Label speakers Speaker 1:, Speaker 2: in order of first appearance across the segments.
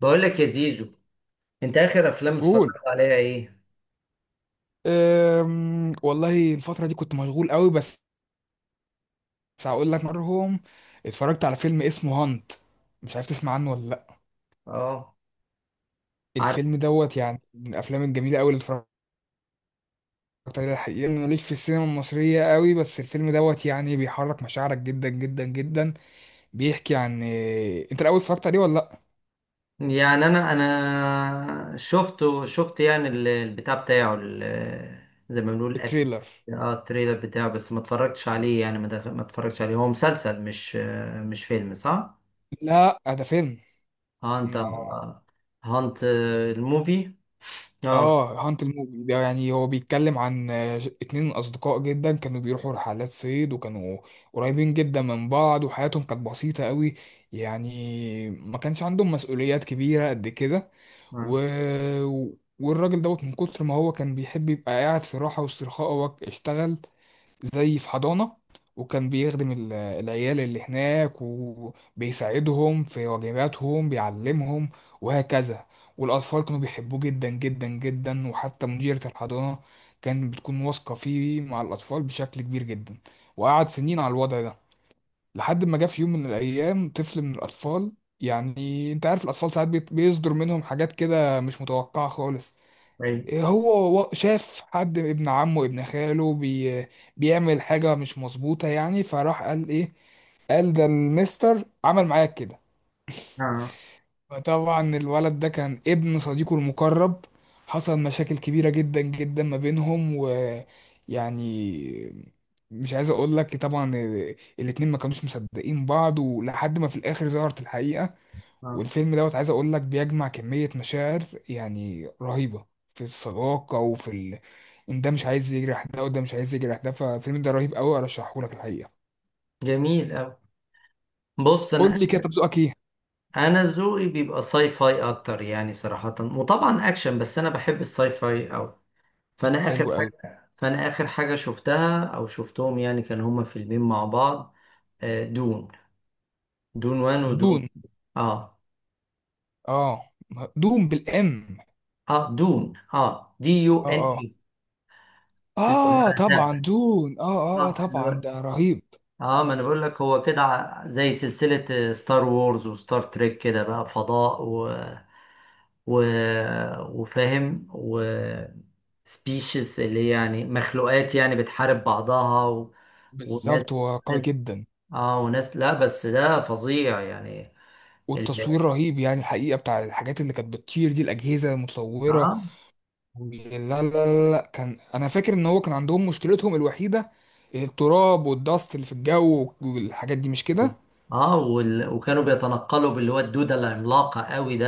Speaker 1: بقول لك يا زيزو، انت اخر افلام
Speaker 2: قول.
Speaker 1: اتفرجت عليها ايه؟
Speaker 2: والله الفترة دي كنت مشغول قوي، بس هقول لك. مرهم، اتفرجت على فيلم اسمه هانت، مش عارف تسمع عنه ولا لا.
Speaker 1: اه، عارف.
Speaker 2: الفيلم دوت يعني من الافلام الجميلة قوي اللي اتفرجت عليها. الحقيقة أنا ماليش في السينما المصرية قوي، بس الفيلم دوت يعني بيحرك مشاعرك جدا جدا جدا. بيحكي عن انت الاول اتفرجت عليه ولا لا؟
Speaker 1: يعني انا شفت، يعني البتاع بتاعه زي ما بنقول
Speaker 2: التريلر،
Speaker 1: اه، التريلر بتاعه، بس ما اتفرجتش عليه. يعني ما اتفرجتش عليه. هو مسلسل، مش فيلم، صح؟
Speaker 2: لا ده
Speaker 1: اه، انت،
Speaker 2: فيلم.
Speaker 1: هانت الموفي. اه،
Speaker 2: اه، هانت الموجي ده يعني هو بيتكلم عن اتنين اصدقاء جدا كانوا بيروحوا رحلات صيد، وكانوا قريبين جدا من بعض، وحياتهم كانت بسيطة قوي، يعني ما كانش عندهم مسؤوليات كبيرة قد كده.
Speaker 1: اه،
Speaker 2: و... والراجل دوت من كتر ما هو كان بيحب يبقى قاعد في راحة واسترخاء، هو اشتغل زي في حضانة، وكان بيخدم العيال اللي هناك وبيساعدهم في واجباتهم، بيعلمهم وهكذا. والأطفال كانوا بيحبوه جدا جدا جدا، وحتى مديرة الحضانة كانت بتكون واثقة فيه مع الأطفال بشكل كبير جدا. وقعد سنين على الوضع ده، لحد ما جه في يوم من الأيام طفل من الأطفال. يعني أنت عارف الأطفال ساعات بيصدر منهم حاجات كده مش متوقعة خالص.
Speaker 1: اي،
Speaker 2: هو شاف حد ابن عمه، ابن خاله، بيعمل حاجة مش مظبوطة يعني، فراح قال ايه؟ قال ده المستر عمل معايا كده.
Speaker 1: اه، اه،
Speaker 2: فطبعا الولد ده كان ابن صديقه المقرب، حصل مشاكل كبيرة جدا جدا ما بينهم، ويعني مش عايز اقول لك، طبعا الاتنين ما كانوش مصدقين بعض، ولحد ما في الاخر ظهرت الحقيقة.
Speaker 1: اه.
Speaker 2: والفيلم دوت عايز اقول لك بيجمع كمية مشاعر يعني رهيبة في الصداقة، وفي ان ده مش عايز يجرح ده، وده مش عايز يجرح ده. فالفيلم ده رهيب قوي، ارشحه لك الحقيقة.
Speaker 1: جميل أوي. بص، انا
Speaker 2: قول لي كده، طب ذوقك ايه؟
Speaker 1: انا ذوقي بيبقى ساي فاي اكتر، يعني صراحة، وطبعا اكشن، بس انا بحب الساي فاي اوي.
Speaker 2: حلو قوي.
Speaker 1: فانا اخر حاجة شفتها او شفتهم، يعني كان هما فيلمين مع بعض. دون، دون وان، ودون.
Speaker 2: دون،
Speaker 1: اه
Speaker 2: اه دون بالام.
Speaker 1: اه، دون. اه، دي يو
Speaker 2: اه
Speaker 1: ان
Speaker 2: اه،
Speaker 1: اي اللي
Speaker 2: اه
Speaker 1: هو
Speaker 2: طبعا
Speaker 1: الدبة.
Speaker 2: دون اه اه،
Speaker 1: اه،
Speaker 2: طبعا ده رهيب.
Speaker 1: ما انا بقول لك، هو كده زي سلسلة ستار وورز وستار تريك، كده بقى فضاء، و... وفاهم، و species، اللي هي يعني مخلوقات يعني بتحارب بعضها، و... وناس،
Speaker 2: بالظبط هو قوي
Speaker 1: ناس،
Speaker 2: جدا.
Speaker 1: اه، وناس. لا، بس ده فظيع يعني. ال...
Speaker 2: والتصوير رهيب يعني الحقيقة، بتاع الحاجات اللي كانت بتطير دي، الأجهزة المتطورة.
Speaker 1: اه
Speaker 2: لا، لا لا لا، كان انا فاكر ان هو كان عندهم مشكلتهم الوحيده التراب والدست اللي في الجو والحاجات دي، مش كده؟
Speaker 1: اه وال... وكانوا بيتنقلوا باللي هو الدودة العملاقة قوي ده،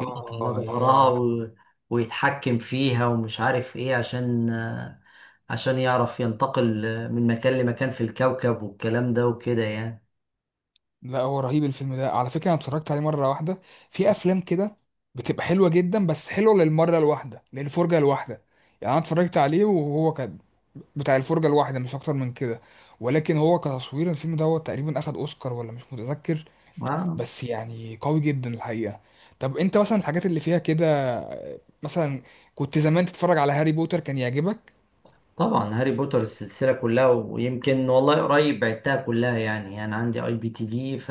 Speaker 1: يقف على ظهرها
Speaker 2: ياه.
Speaker 1: و... ويتحكم فيها، ومش عارف ايه، عشان يعرف ينتقل من مكان لمكان في الكوكب، والكلام ده وكده يعني.
Speaker 2: لا هو رهيب الفيلم ده على فكره، انا اتفرجت عليه مره واحده. في افلام كده بتبقى حلوه جدا بس حلوه للمره الواحده، للفرجه الواحده. يعني انا اتفرجت عليه وهو كان بتاع الفرجه الواحده، مش اكتر من كده. ولكن هو كتصوير الفيلم ده هو تقريبا اخد اوسكار ولا مش متذكر،
Speaker 1: آه.
Speaker 2: بس يعني قوي جدا الحقيقه. طب انت مثلا الحاجات اللي فيها كده مثلا، كنت زمان تتفرج على هاري بوتر، كان يعجبك؟
Speaker 1: طبعا، هاري بوتر السلسلة كلها، ويمكن والله قريب بعتها كلها. يعني أنا عندي IPTV،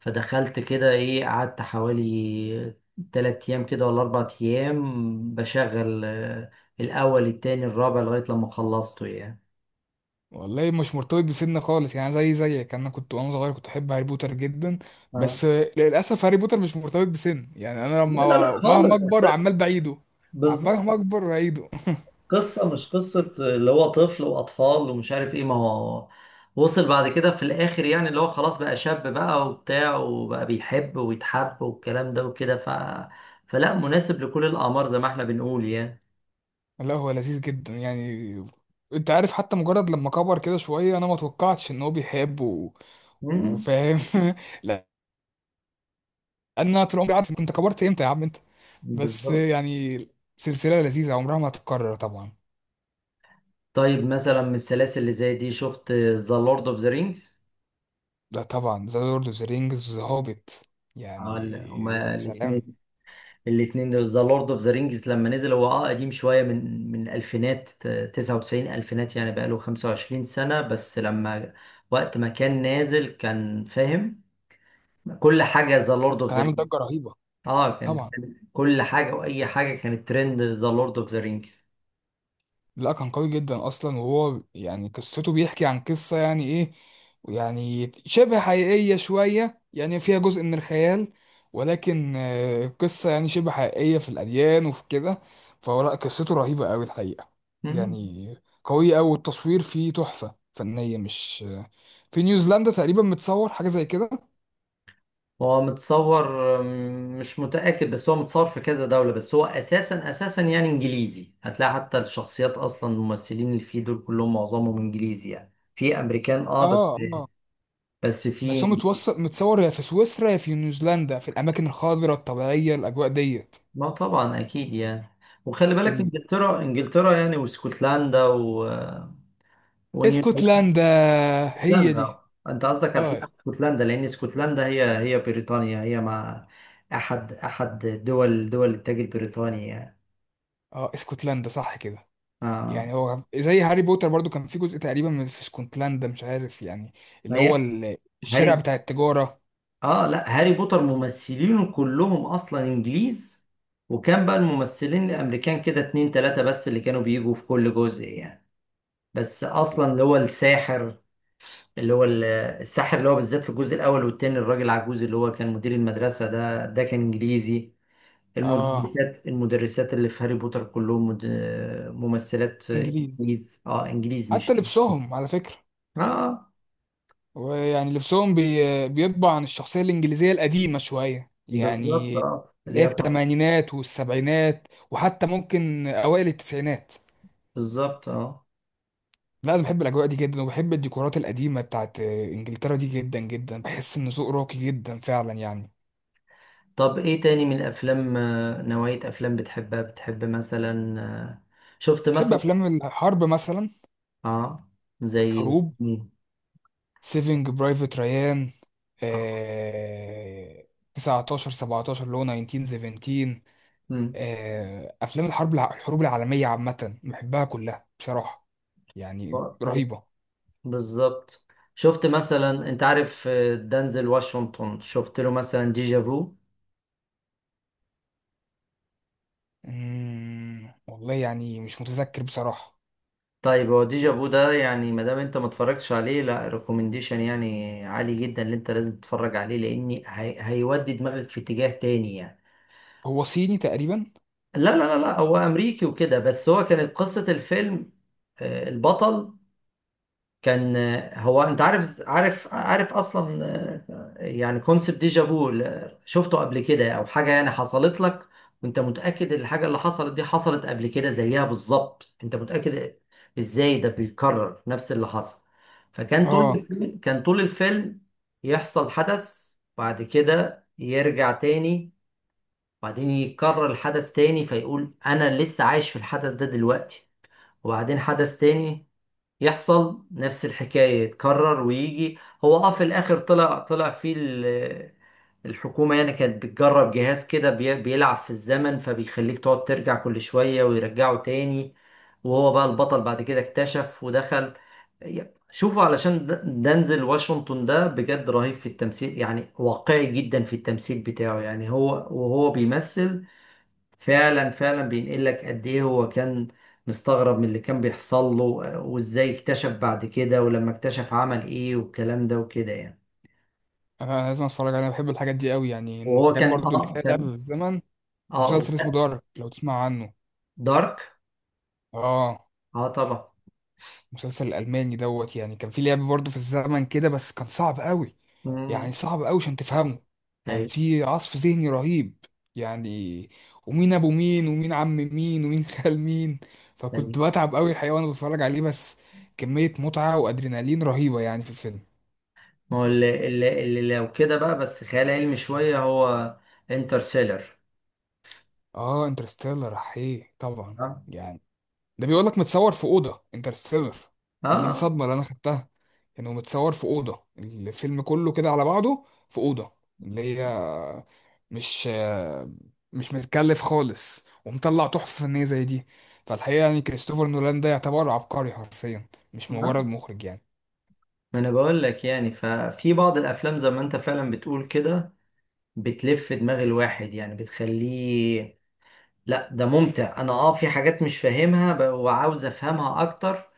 Speaker 1: فدخلت كده إيه، قعدت حوالي 3 أيام كده، ولا 4 أيام بشغل، الأول، التاني، الرابع، لغاية لما خلصته يعني.
Speaker 2: والله مش مرتبط بسن خالص يعني، زي زيك انا كنت وانا صغير كنت احب هاري بوتر جدا.
Speaker 1: اه،
Speaker 2: بس للاسف هاري بوتر مش مرتبط بسن يعني، انا
Speaker 1: لا لا لا،
Speaker 2: لما مهما
Speaker 1: خالص.
Speaker 2: اكبر عمال بعيده، مهما
Speaker 1: بالظبط.
Speaker 2: اكبر بعيده.
Speaker 1: قصة، مش قصة اللي هو طفل وأطفال، ومش عارف إيه. ما هو وصل بعد كده في الآخر، يعني اللي هو خلاص بقى شاب بقى وبتاع، وبقى بيحب ويتحب والكلام ده وكده، فلا، مناسب لكل الأعمار، زي ما إحنا بنقول يعني.
Speaker 2: لا هو لذيذ جدا يعني. انت عارف حتى مجرد لما كبر كده شويه انا ما توقعتش ان هو بيحب
Speaker 1: مم،
Speaker 2: وفاهم. لان انا طول عمري عارف، كنت كبرت امتى يا عم انت؟ بس
Speaker 1: بالظبط.
Speaker 2: يعني سلسله لذيذه عمرها ما هتتكرر طبعا.
Speaker 1: طيب مثلا من السلاسل اللي زي دي، شفت ذا لورد أوف ذا رينجز؟
Speaker 2: ده طبعا ذا لورد اوف ذا رينجز، ذا هوبيت يعني،
Speaker 1: هما
Speaker 2: يا
Speaker 1: الاتنين
Speaker 2: سلام.
Speaker 1: الاتنين دول. ذا لورد اوف ذا رينجز لما نزل، هو اه قديم شوية، من الألفينات، 99، ألفينات، يعني بقاله 25 سنة. بس لما وقت ما كان نازل، كان فاهم كل حاجة، ذا لورد اوف
Speaker 2: كان
Speaker 1: ذا
Speaker 2: عامل ضجة
Speaker 1: رينجز.
Speaker 2: رهيبة
Speaker 1: اه، كان
Speaker 2: طبعا.
Speaker 1: كان كل حاجة وأي حاجة كانت ترند، ذا لورد اوف ذا رينجز.
Speaker 2: لا كان قوي جدا اصلا، وهو يعني قصته بيحكي عن قصة يعني ايه، يعني شبه حقيقية شوية، يعني فيها جزء من الخيال، ولكن قصة يعني شبه حقيقية في الأديان وفي كده. فهو لا، قصته رهيبة قوي الحقيقة، يعني قوية قوي. والتصوير فيه تحفة فنية، مش في نيوزيلندا تقريبا متصور، حاجة زي كده.
Speaker 1: هو متصور. مش متأكد، بس هو متصور في كذا دولة، بس هو أساسا أساسا يعني إنجليزي. هتلاقي حتى الشخصيات، أصلا الممثلين اللي فيه دول كلهم معظمهم إنجليزي، يعني في أمريكان اه، بس.
Speaker 2: اه اه.
Speaker 1: بس
Speaker 2: بس
Speaker 1: في.
Speaker 2: هو متوصل، متصور يا في سويسرا يا في نيوزيلندا، في الاماكن الخضراء الطبيعيه، الاجواء ديت.
Speaker 1: ما طبعا اكيد يعني. وخلي بالك،
Speaker 2: ال-
Speaker 1: انجلترا انجلترا يعني، واسكتلندا، و... ونيو،
Speaker 2: اسكتلندا، هي
Speaker 1: اسكتلندا.
Speaker 2: دي.
Speaker 1: انت قصدك
Speaker 2: اه
Speaker 1: هتلاقي اسكتلندا، لان اسكتلندا هي بريطانيا، هي مع احد دول التاج البريطاني يعني.
Speaker 2: اه، اسكتلندا صح كده.
Speaker 1: اه.
Speaker 2: يعني هو زي هاري بوتر برضو، كان في جزء تقريبا من في اسكتلندا، مش عارف يعني،
Speaker 1: ما
Speaker 2: اللي هو
Speaker 1: هي
Speaker 2: الشارع
Speaker 1: هاري.
Speaker 2: بتاع التجاره.
Speaker 1: اه، لا، هاري بوتر ممثلينه كلهم اصلا انجليز. وكان بقى الممثلين الامريكان كده اتنين تلاتة بس اللي كانوا بيجوا في كل جزء يعني. بس اصلا اللي هو الساحر، اللي هو الساحر، اللي هو بالذات في الجزء الاول والتاني، الراجل عجوز اللي هو كان مدير المدرسه ده، ده كان انجليزي.
Speaker 2: اه
Speaker 1: المدرسات اللي في هاري بوتر كلهم ممثلات
Speaker 2: انجليز،
Speaker 1: انجليز. اه، انجليز، مش.
Speaker 2: حتى لبسهم على فكره
Speaker 1: اه،
Speaker 2: ويعني لبسهم بيطبع عن الشخصية الإنجليزية القديمة شوية
Speaker 1: بالظبط.
Speaker 2: يعني،
Speaker 1: اه، اللي
Speaker 2: اللي هي
Speaker 1: هي.
Speaker 2: التمانينات والسبعينات، وحتى ممكن أوائل التسعينات.
Speaker 1: بالظبط. اه.
Speaker 2: لا أنا بحب الأجواء دي جدا، وبحب الديكورات القديمة بتاعت إنجلترا دي جدا جدا، بحس إن ذوق راقي جدا فعلا يعني.
Speaker 1: طب ايه تاني من الافلام، نوعيه افلام بتحبها، بتحب مثلا، شفت
Speaker 2: تحب
Speaker 1: مثلا.
Speaker 2: أفلام الحرب مثلا،
Speaker 1: اه. زي
Speaker 2: الحروب؟
Speaker 1: مين؟
Speaker 2: سيفينج برايفت ريان،
Speaker 1: آه.
Speaker 2: آه... 19 17 اللي هو 1917،
Speaker 1: مم.
Speaker 2: افلام الحرب الحروب العالميه عامه بحبها كلها بصراحه، يعني رهيبه.
Speaker 1: بالظبط. شفت مثلا، انت عارف، دانزل واشنطن، شفت له مثلا ديجا فو؟
Speaker 2: والله يعني مش متذكر بصراحه.
Speaker 1: طيب، هو ديجا فو ده، يعني ما دام انت ما اتفرجتش عليه، لا، ريكومنديشن يعني عالي جدا اللي انت لازم تتفرج عليه، لان هيودي دماغك في اتجاه تاني يعني.
Speaker 2: هو صيني تقريبا؟
Speaker 1: لا لا لا لا، هو امريكي وكده، بس هو كانت قصة الفيلم، البطل كان. هو انت عارف، اصلا، يعني كونسبت ديجا فو، شفته قبل كده او حاجه يعني حصلت لك، وانت متاكد ان الحاجه اللي حصلت دي حصلت قبل كده زيها بالظبط، انت متاكد ازاي؟ ده بيكرر نفس اللي حصل. فكان طول
Speaker 2: اه
Speaker 1: الفيلم كان طول الفيلم يحصل حدث، بعد كده يرجع تاني، بعدين يكرر الحدث تاني، فيقول انا لسه عايش في الحدث ده دلوقتي، وبعدين حدث تاني يحصل، نفس الحكاية، يتكرر ويجي. هو اه في الآخر، طلع فيه الحكومة يعني كانت بتجرب جهاز كده، بيلعب في الزمن، فبيخليك تقعد ترجع كل شوية ويرجعه تاني. وهو بقى البطل، بعد كده اكتشف ودخل. شوفوا علشان دنزل واشنطن ده بجد رهيب في التمثيل يعني، واقعي جدا في التمثيل بتاعه يعني، هو وهو بيمثل، فعلا فعلا بينقل لك قد ايه هو كان مستغرب من اللي كان بيحصل له، وازاي اكتشف بعد كده، ولما اكتشف عمل ايه، والكلام ده وكده يعني.
Speaker 2: انا لازم اتفرج عليه، انا بحب الحاجات دي قوي، يعني
Speaker 1: وهو
Speaker 2: الحاجات
Speaker 1: كان،
Speaker 2: برضو اللي فيها لعب في
Speaker 1: كان.
Speaker 2: الزمن.
Speaker 1: اه،
Speaker 2: مسلسل اسمه دارك، لو تسمع عنه.
Speaker 1: دارك.
Speaker 2: اه،
Speaker 1: اه، طبعا.
Speaker 2: المسلسل الألماني دوت يعني كان في لعب برضه في الزمن كده، بس كان صعب قوي، يعني
Speaker 1: امم
Speaker 2: صعب قوي عشان تفهمه. كان
Speaker 1: ايوه،
Speaker 2: في عصف ذهني رهيب يعني، ومين أبو مين، ومين عم مين، ومين خال مين.
Speaker 1: ايوه.
Speaker 2: فكنت بتعب قوي الحقيقة وأنا بتفرج عليه، بس كمية متعة وأدرينالين رهيبة يعني في الفيلم.
Speaker 1: ما هو اللي لو كده بقى، بس خيال علمي شويه، هو انترستيلر.
Speaker 2: آه انترستيلر، أحيه طبعا
Speaker 1: اه،
Speaker 2: يعني. ده بيقول لك متصور في أوضة انترستيلر، دي
Speaker 1: اه،
Speaker 2: الصدمة اللي أنا خدتها. كانوا متصور في أوضة، الفيلم كله كده على بعضه في أوضة، اللي هي مش مش متكلف خالص، ومطلع تحفة فنية زي دي. فالحقيقة يعني كريستوفر نولان ده يعتبر عبقري حرفيا، مش
Speaker 1: آه.
Speaker 2: مجرد مخرج يعني.
Speaker 1: ما انا بقول لك يعني، ففي بعض الافلام زي ما انت فعلا بتقول كده، بتلف دماغ الواحد، يعني بتخليه. لا، ده ممتع. انا في حاجات مش فاهمها، وعاوز افهمها اكتر،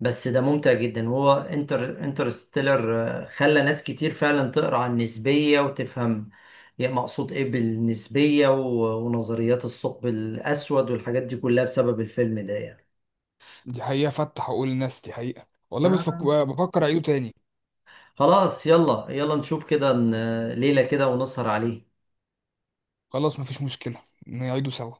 Speaker 1: بس ده ممتع جدا. وهو انترستيلر، خلى ناس كتير فعلا تقرا عن النسبية، وتفهم يعني مقصود ايه بالنسبية، ونظريات الثقب الاسود والحاجات دي كلها بسبب الفيلم ده يعني.
Speaker 2: دي حقيقة فتح عقول الناس، دي حقيقة والله، بس
Speaker 1: آه.
Speaker 2: بفكر أعيده تاني.
Speaker 1: خلاص، يلا يلا نشوف كده، ليلة كده ونسهر عليه.
Speaker 2: خلاص مفيش مشكلة، نعيده سوا.